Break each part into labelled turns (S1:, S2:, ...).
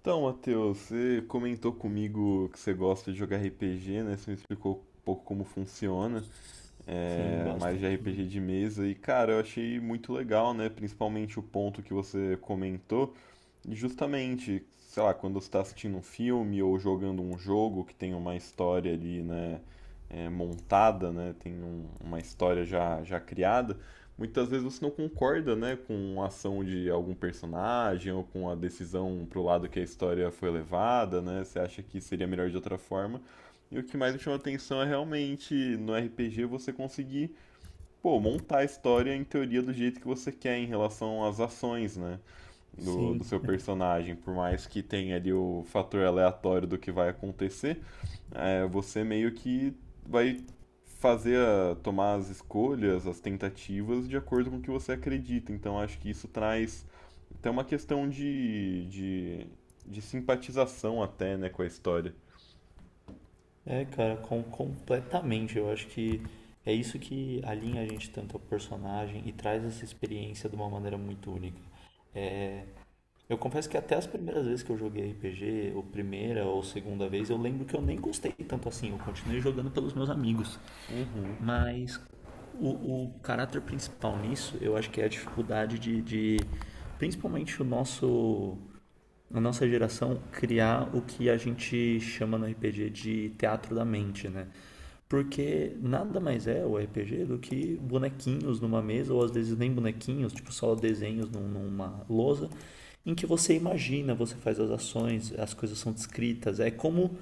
S1: Então, Matheus, você comentou comigo que você gosta de jogar RPG, né? Você me explicou um pouco como funciona,
S2: Sim,
S1: mais de
S2: bastante, né?
S1: RPG de mesa. E, cara, eu achei muito legal, né? Principalmente o ponto que você comentou. E justamente, sei lá, quando você está assistindo um filme ou jogando um jogo que tem uma história ali, né, montada, né, uma história já criada, muitas vezes você não concorda, né, com a ação de algum personagem ou com a decisão pro lado que a história foi levada, né, você acha que seria melhor de outra forma. E o que mais me chama atenção é realmente no RPG você conseguir, pô, montar a história em teoria do jeito que você quer em relação às ações, né? Do
S2: Sim.
S1: seu personagem, por mais que tenha ali o fator aleatório do que vai acontecer, você meio que vai tomar as escolhas, as tentativas de acordo com o que você acredita. Então acho que isso traz até uma questão de simpatização até, né, com a história.
S2: É, cara, completamente. Eu acho que é isso que alinha a gente tanto ao personagem e traz essa experiência de uma maneira muito única. Eu confesso que até as primeiras vezes que eu joguei RPG, ou primeira ou segunda vez, eu lembro que eu nem gostei tanto assim. Eu continuei jogando pelos meus amigos.
S1: Uhum.
S2: Mas o caráter principal nisso, eu acho que é a dificuldade de principalmente o nosso na nossa geração criar o que a gente chama no RPG de teatro da mente, né? Porque nada mais é o RPG do que bonequinhos numa mesa, ou às vezes nem bonequinhos, tipo só desenhos numa lousa, em que você imagina, você faz as ações, as coisas são descritas. É como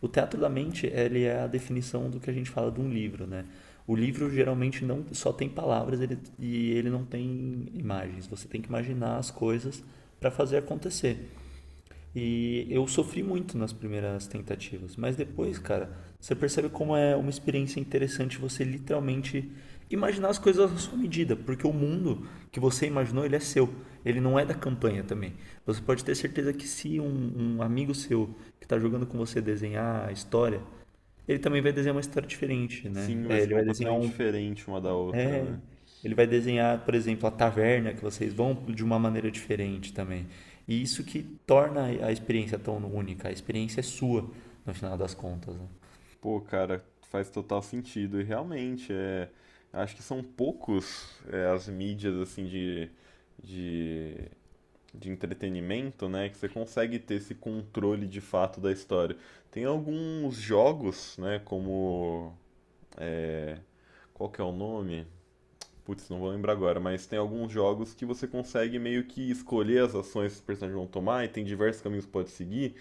S2: o teatro da mente, ele é a definição do que a gente fala de um livro, né? O livro geralmente não só tem palavras ele, e ele não tem imagens. Você tem que imaginar as coisas para fazer acontecer. E eu sofri muito nas primeiras tentativas, mas depois, cara, você percebe como é uma experiência interessante você literalmente imaginar as coisas à sua medida, porque o mundo que você imaginou, ele é seu, ele não é da campanha também. Você pode ter certeza que se um amigo seu que está jogando com você desenhar a história, ele também vai desenhar uma história diferente, né?
S1: Sim, vai
S2: É,
S1: ser completamente diferente uma da outra, né?
S2: ele vai desenhar, por exemplo, a taverna que vocês vão de uma maneira diferente também. E isso que torna a experiência tão única. A experiência é sua, no final das contas, né?
S1: Pô, cara, faz total sentido. E realmente, é, acho que são poucos as mídias assim de, de entretenimento, né, que você consegue ter esse controle de fato da história. Tem alguns jogos, né, como qual que é o nome? Putz, não vou lembrar agora, mas tem alguns jogos que você consegue meio que escolher as ações que os personagens vão tomar e tem diversos caminhos que pode seguir.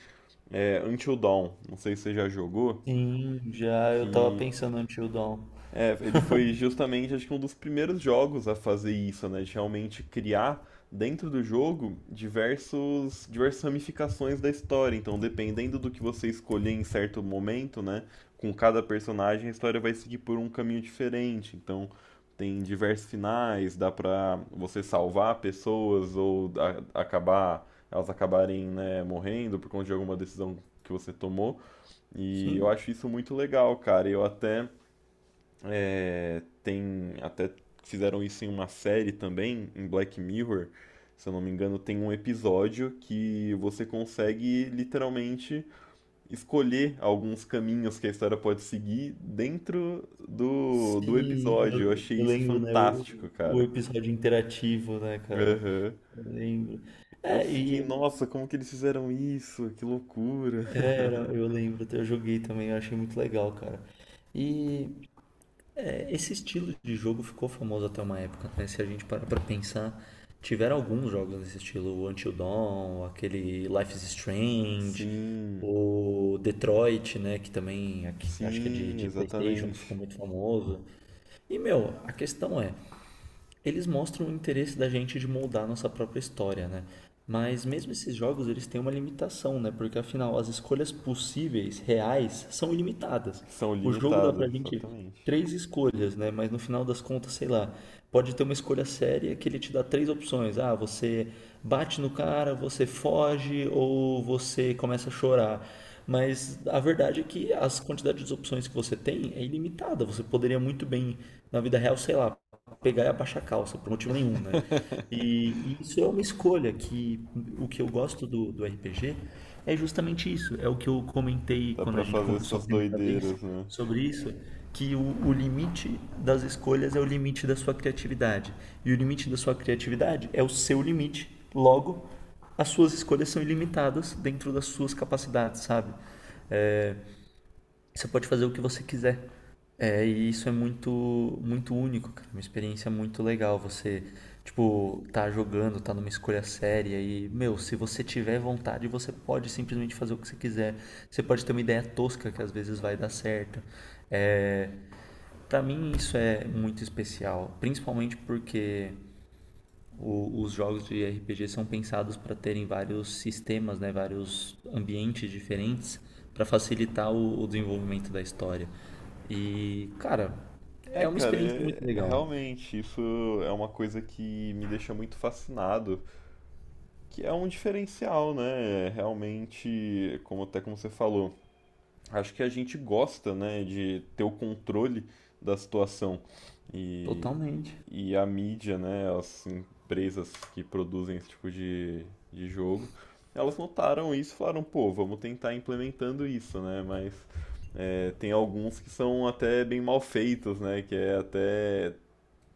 S1: É, Until Dawn, não sei se você já jogou,
S2: Sim, já eu tava
S1: que
S2: pensando no Until Dawn.
S1: é, ele foi justamente, acho que um dos primeiros jogos a fazer isso, né? De realmente criar dentro do jogo diversas ramificações da história. Então, dependendo do que você escolher em certo momento, né? Com cada personagem, a história vai seguir por um caminho diferente. Então, tem diversos finais, dá pra você salvar pessoas ou elas acabarem, né, morrendo por conta de alguma decisão que você tomou. E eu
S2: Sim.
S1: acho isso muito legal, cara. Eu até é, tem até Fizeram isso em uma série também, em Black Mirror, se eu não me engano, tem um episódio que você consegue literalmente escolher alguns caminhos que a história pode seguir dentro do, do
S2: Sim,
S1: episódio. Eu
S2: eu,
S1: achei
S2: eu
S1: isso
S2: lembro, né?
S1: fantástico,
S2: O
S1: cara.
S2: episódio interativo, né, cara?
S1: Aham.
S2: Eu lembro.
S1: Eu
S2: É,
S1: fiquei,
S2: e
S1: nossa, como que eles fizeram isso? Que loucura.
S2: é, era, eu lembro, eu joguei também, eu achei muito legal, cara. E esse estilo de jogo ficou famoso até uma época, né? Se a gente parar pra pensar, tiveram alguns jogos nesse estilo, o Until Dawn, aquele Life is Strange,
S1: Sim,
S2: o Detroit, né? Que também acho que é de,
S1: sim,
S2: de PlayStation, que ficou
S1: exatamente.
S2: muito famoso. E, meu, a questão é, eles mostram o interesse da gente de moldar a nossa própria história, né? Mas mesmo esses jogos, eles têm uma limitação, né? Porque afinal, as escolhas possíveis, reais, são ilimitadas.
S1: São
S2: O jogo dá
S1: limitados,
S2: pra gente
S1: exatamente.
S2: três escolhas, né? Mas no final das contas, sei lá, pode ter uma escolha séria que ele te dá três opções. Ah, você bate no cara, você foge ou você começa a chorar. Mas a verdade é que as quantidades de opções que você tem é ilimitada. Você poderia muito bem, na vida real, sei lá, pegar e abaixar a calça, por motivo nenhum, né? E isso é uma escolha que o que eu gosto do RPG é justamente isso. É o que eu comentei
S1: Dá
S2: quando
S1: pra
S2: a gente
S1: fazer
S2: conversou a
S1: essas
S2: primeira vez
S1: doideiras, né?
S2: sobre isso, que o limite das escolhas é o limite da sua criatividade. E o limite da sua criatividade é o seu limite. Logo, as suas escolhas são ilimitadas dentro das suas capacidades, sabe? É, você pode fazer o que você quiser. É, e isso é muito, muito único, cara. Uma experiência muito legal. Você, tipo, tá jogando, tá numa escolha séria e, meu, se você tiver vontade, você pode simplesmente fazer o que você quiser. Você pode ter uma ideia tosca que às vezes vai dar certo. É, para mim isso é muito especial, principalmente porque os jogos de RPG são pensados para terem vários sistemas, né, vários ambientes diferentes para facilitar o desenvolvimento da história. E, cara,
S1: É,
S2: é uma
S1: cara,
S2: experiência muito
S1: é
S2: legal.
S1: realmente, isso é uma coisa que me deixa muito fascinado, que é um diferencial, né? É realmente, como você falou, acho que a gente gosta, né, de ter o controle da situação. E,
S2: Totalmente.
S1: e a mídia, né, as empresas que produzem esse tipo de jogo, elas notaram isso e falaram, pô, vamos tentar implementando isso, né, mas é, tem alguns que são até bem mal feitos, né, que é até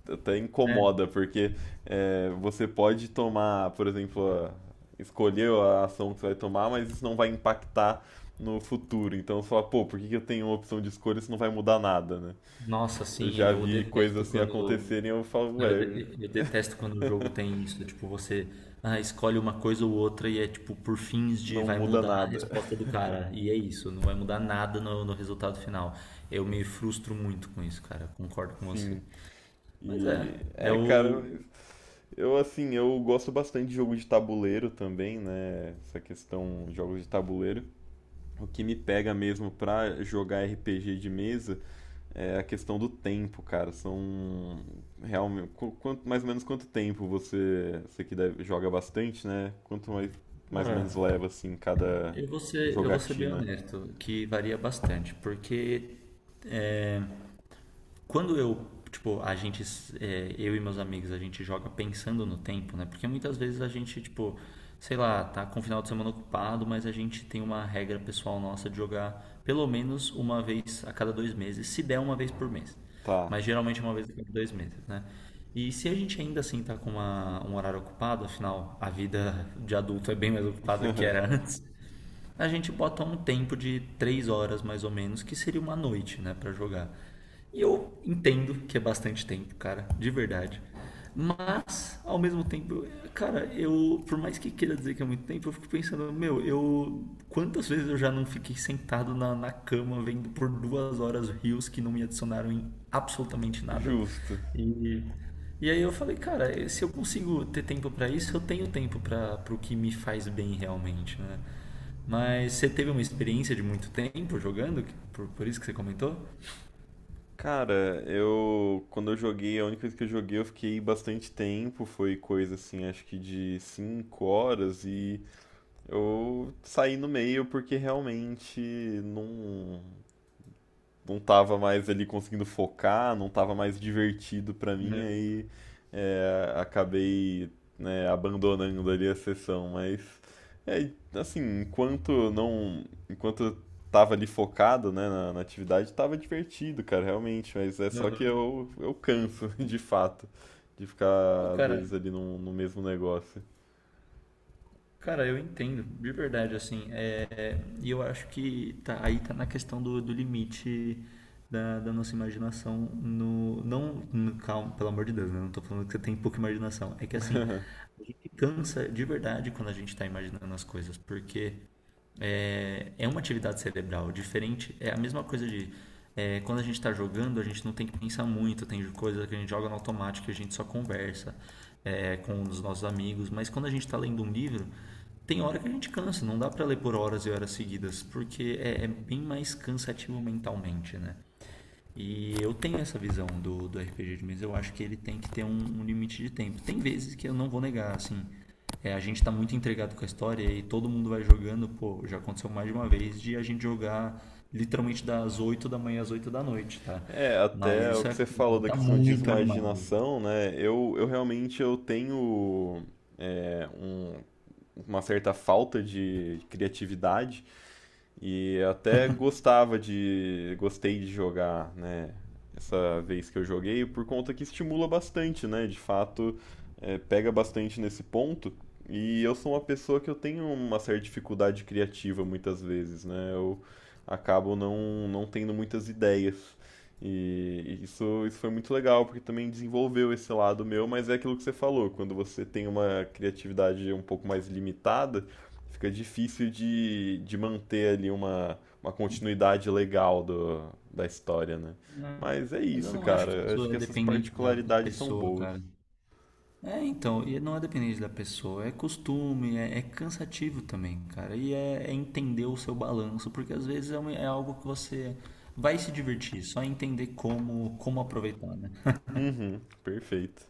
S1: até
S2: Né?
S1: incomoda, porque é, você pode tomar, por exemplo, escolher a ação que você vai tomar, mas isso não vai impactar no futuro. Então você fala, pô, por que que eu tenho uma opção de escolha se não vai mudar nada, né?
S2: Nossa,
S1: Eu
S2: assim,
S1: já
S2: eu
S1: vi coisas
S2: detesto
S1: assim
S2: quando.
S1: acontecerem e eu falo,
S2: Cara, Eu,
S1: ué,
S2: de- eu detesto quando o jogo tem isso, tipo, você ah, escolhe uma coisa ou outra e é tipo por fins de
S1: não
S2: vai
S1: muda
S2: mudar a
S1: nada.
S2: resposta do cara. E é isso, não vai mudar nada no resultado final. Eu me frustro muito com isso, cara. Concordo com você.
S1: Sim.
S2: Mas é,
S1: E
S2: é
S1: é, cara,
S2: o.
S1: mas eu assim, eu gosto bastante de jogo de tabuleiro também, né? Essa questão de jogos de tabuleiro. O que me pega mesmo pra jogar RPG de mesa é a questão do tempo, cara. São realmente quanto mais ou menos quanto tempo você joga bastante, né? Quanto mais ou
S2: Cara,
S1: menos leva assim cada
S2: eu vou ser bem
S1: jogatina.
S2: honesto, que varia bastante, porque quando eu, tipo, a gente, é, eu e meus amigos, a gente joga pensando no tempo, né, porque muitas vezes a gente, tipo, sei lá, tá com o final de semana ocupado, mas a gente tem uma regra pessoal nossa de jogar pelo menos uma vez a cada 2 meses, se der uma vez por mês,
S1: Tá,
S2: mas geralmente é uma vez a cada dois meses, né, e se a gente ainda assim tá com um horário ocupado, afinal a vida de adulto é bem mais ocupada que era antes, a gente bota um tempo de 3 horas mais ou menos, que seria uma noite, né, para jogar. E eu entendo que é bastante tempo, cara, de verdade. Mas, ao mesmo tempo, cara, eu, por mais que queira dizer que é muito tempo, eu fico pensando, meu, eu, quantas vezes eu já não fiquei sentado na cama vendo por 2 horas rios que não me adicionaram em absolutamente nada.
S1: justo.
S2: E, e aí eu falei, cara, se eu consigo ter tempo pra isso, eu tenho tempo para pro que me faz bem realmente, né? Mas você teve uma experiência de muito tempo jogando? Que- por isso que você comentou?
S1: Cara, eu quando eu joguei, a única vez que eu joguei, eu fiquei bastante tempo, foi coisa assim, acho que de 5 horas e eu saí no meio porque realmente não não tava mais ali conseguindo focar, não tava mais divertido pra mim,
S2: Né.
S1: aí acabei, né, abandonando ali a sessão, mas é, assim, enquanto não, enquanto eu tava ali focado, né, na, na atividade, tava divertido, cara, realmente, mas é só que
S2: Aham.
S1: eu canso, de fato, de
S2: Pô,
S1: ficar, às
S2: cara,
S1: vezes, ali no, no mesmo negócio.
S2: cara, eu entendo, de verdade, assim. É, e eu acho que tá, aí tá na questão do limite da nossa imaginação no. Não, calma, pelo amor de Deus, né? Não tô falando que você tem pouca imaginação. É que assim, a gente cansa de verdade quando a gente tá imaginando as coisas, porque. É uma atividade cerebral diferente. É a mesma coisa de quando a gente está jogando, a gente não tem que pensar muito, tem coisa que a gente joga no automático e a gente só conversa com os nossos amigos. Mas quando a gente está lendo um livro, tem hora que a gente cansa, não dá para ler por horas e horas seguidas, porque é bem mais cansativo mentalmente, né? E eu tenho essa visão do RPG de mesa. Eu acho que ele tem que ter um limite de tempo. Tem vezes que eu não vou negar, assim. A gente tá muito entregado com a história e todo mundo vai jogando. Pô, já aconteceu mais de uma vez de a gente jogar literalmente das 8 da manhã às 8 da noite, tá?
S1: É,
S2: Mas
S1: até o
S2: isso
S1: que você falou da
S2: tá
S1: questão de
S2: muito animado.
S1: imaginação, né, eu realmente, eu tenho é, um, uma certa falta de criatividade. E até gostava de. Gostei de jogar, né? Essa vez que eu joguei, por conta que estimula bastante, né? De fato, é, pega bastante nesse ponto. E eu sou uma pessoa que eu tenho uma certa dificuldade criativa muitas vezes, né? Eu acabo não tendo muitas ideias. E isso foi muito legal, porque também desenvolveu esse lado meu, mas é aquilo que você falou, quando você tem uma criatividade um pouco mais limitada, fica difícil de manter ali uma continuidade legal da história, né? Mas é
S2: Mas eu
S1: isso,
S2: não acho
S1: cara.
S2: que
S1: Eu Acho
S2: isso
S1: que
S2: é
S1: essas
S2: dependente da
S1: particularidades são
S2: pessoa,
S1: boas.
S2: cara. É, então, e não é dependente da pessoa, é costume, é cansativo também, cara. E é entender o seu balanço, porque às vezes é algo que você vai se divertir, só entender como aproveitar, né?
S1: Uhum, perfeito.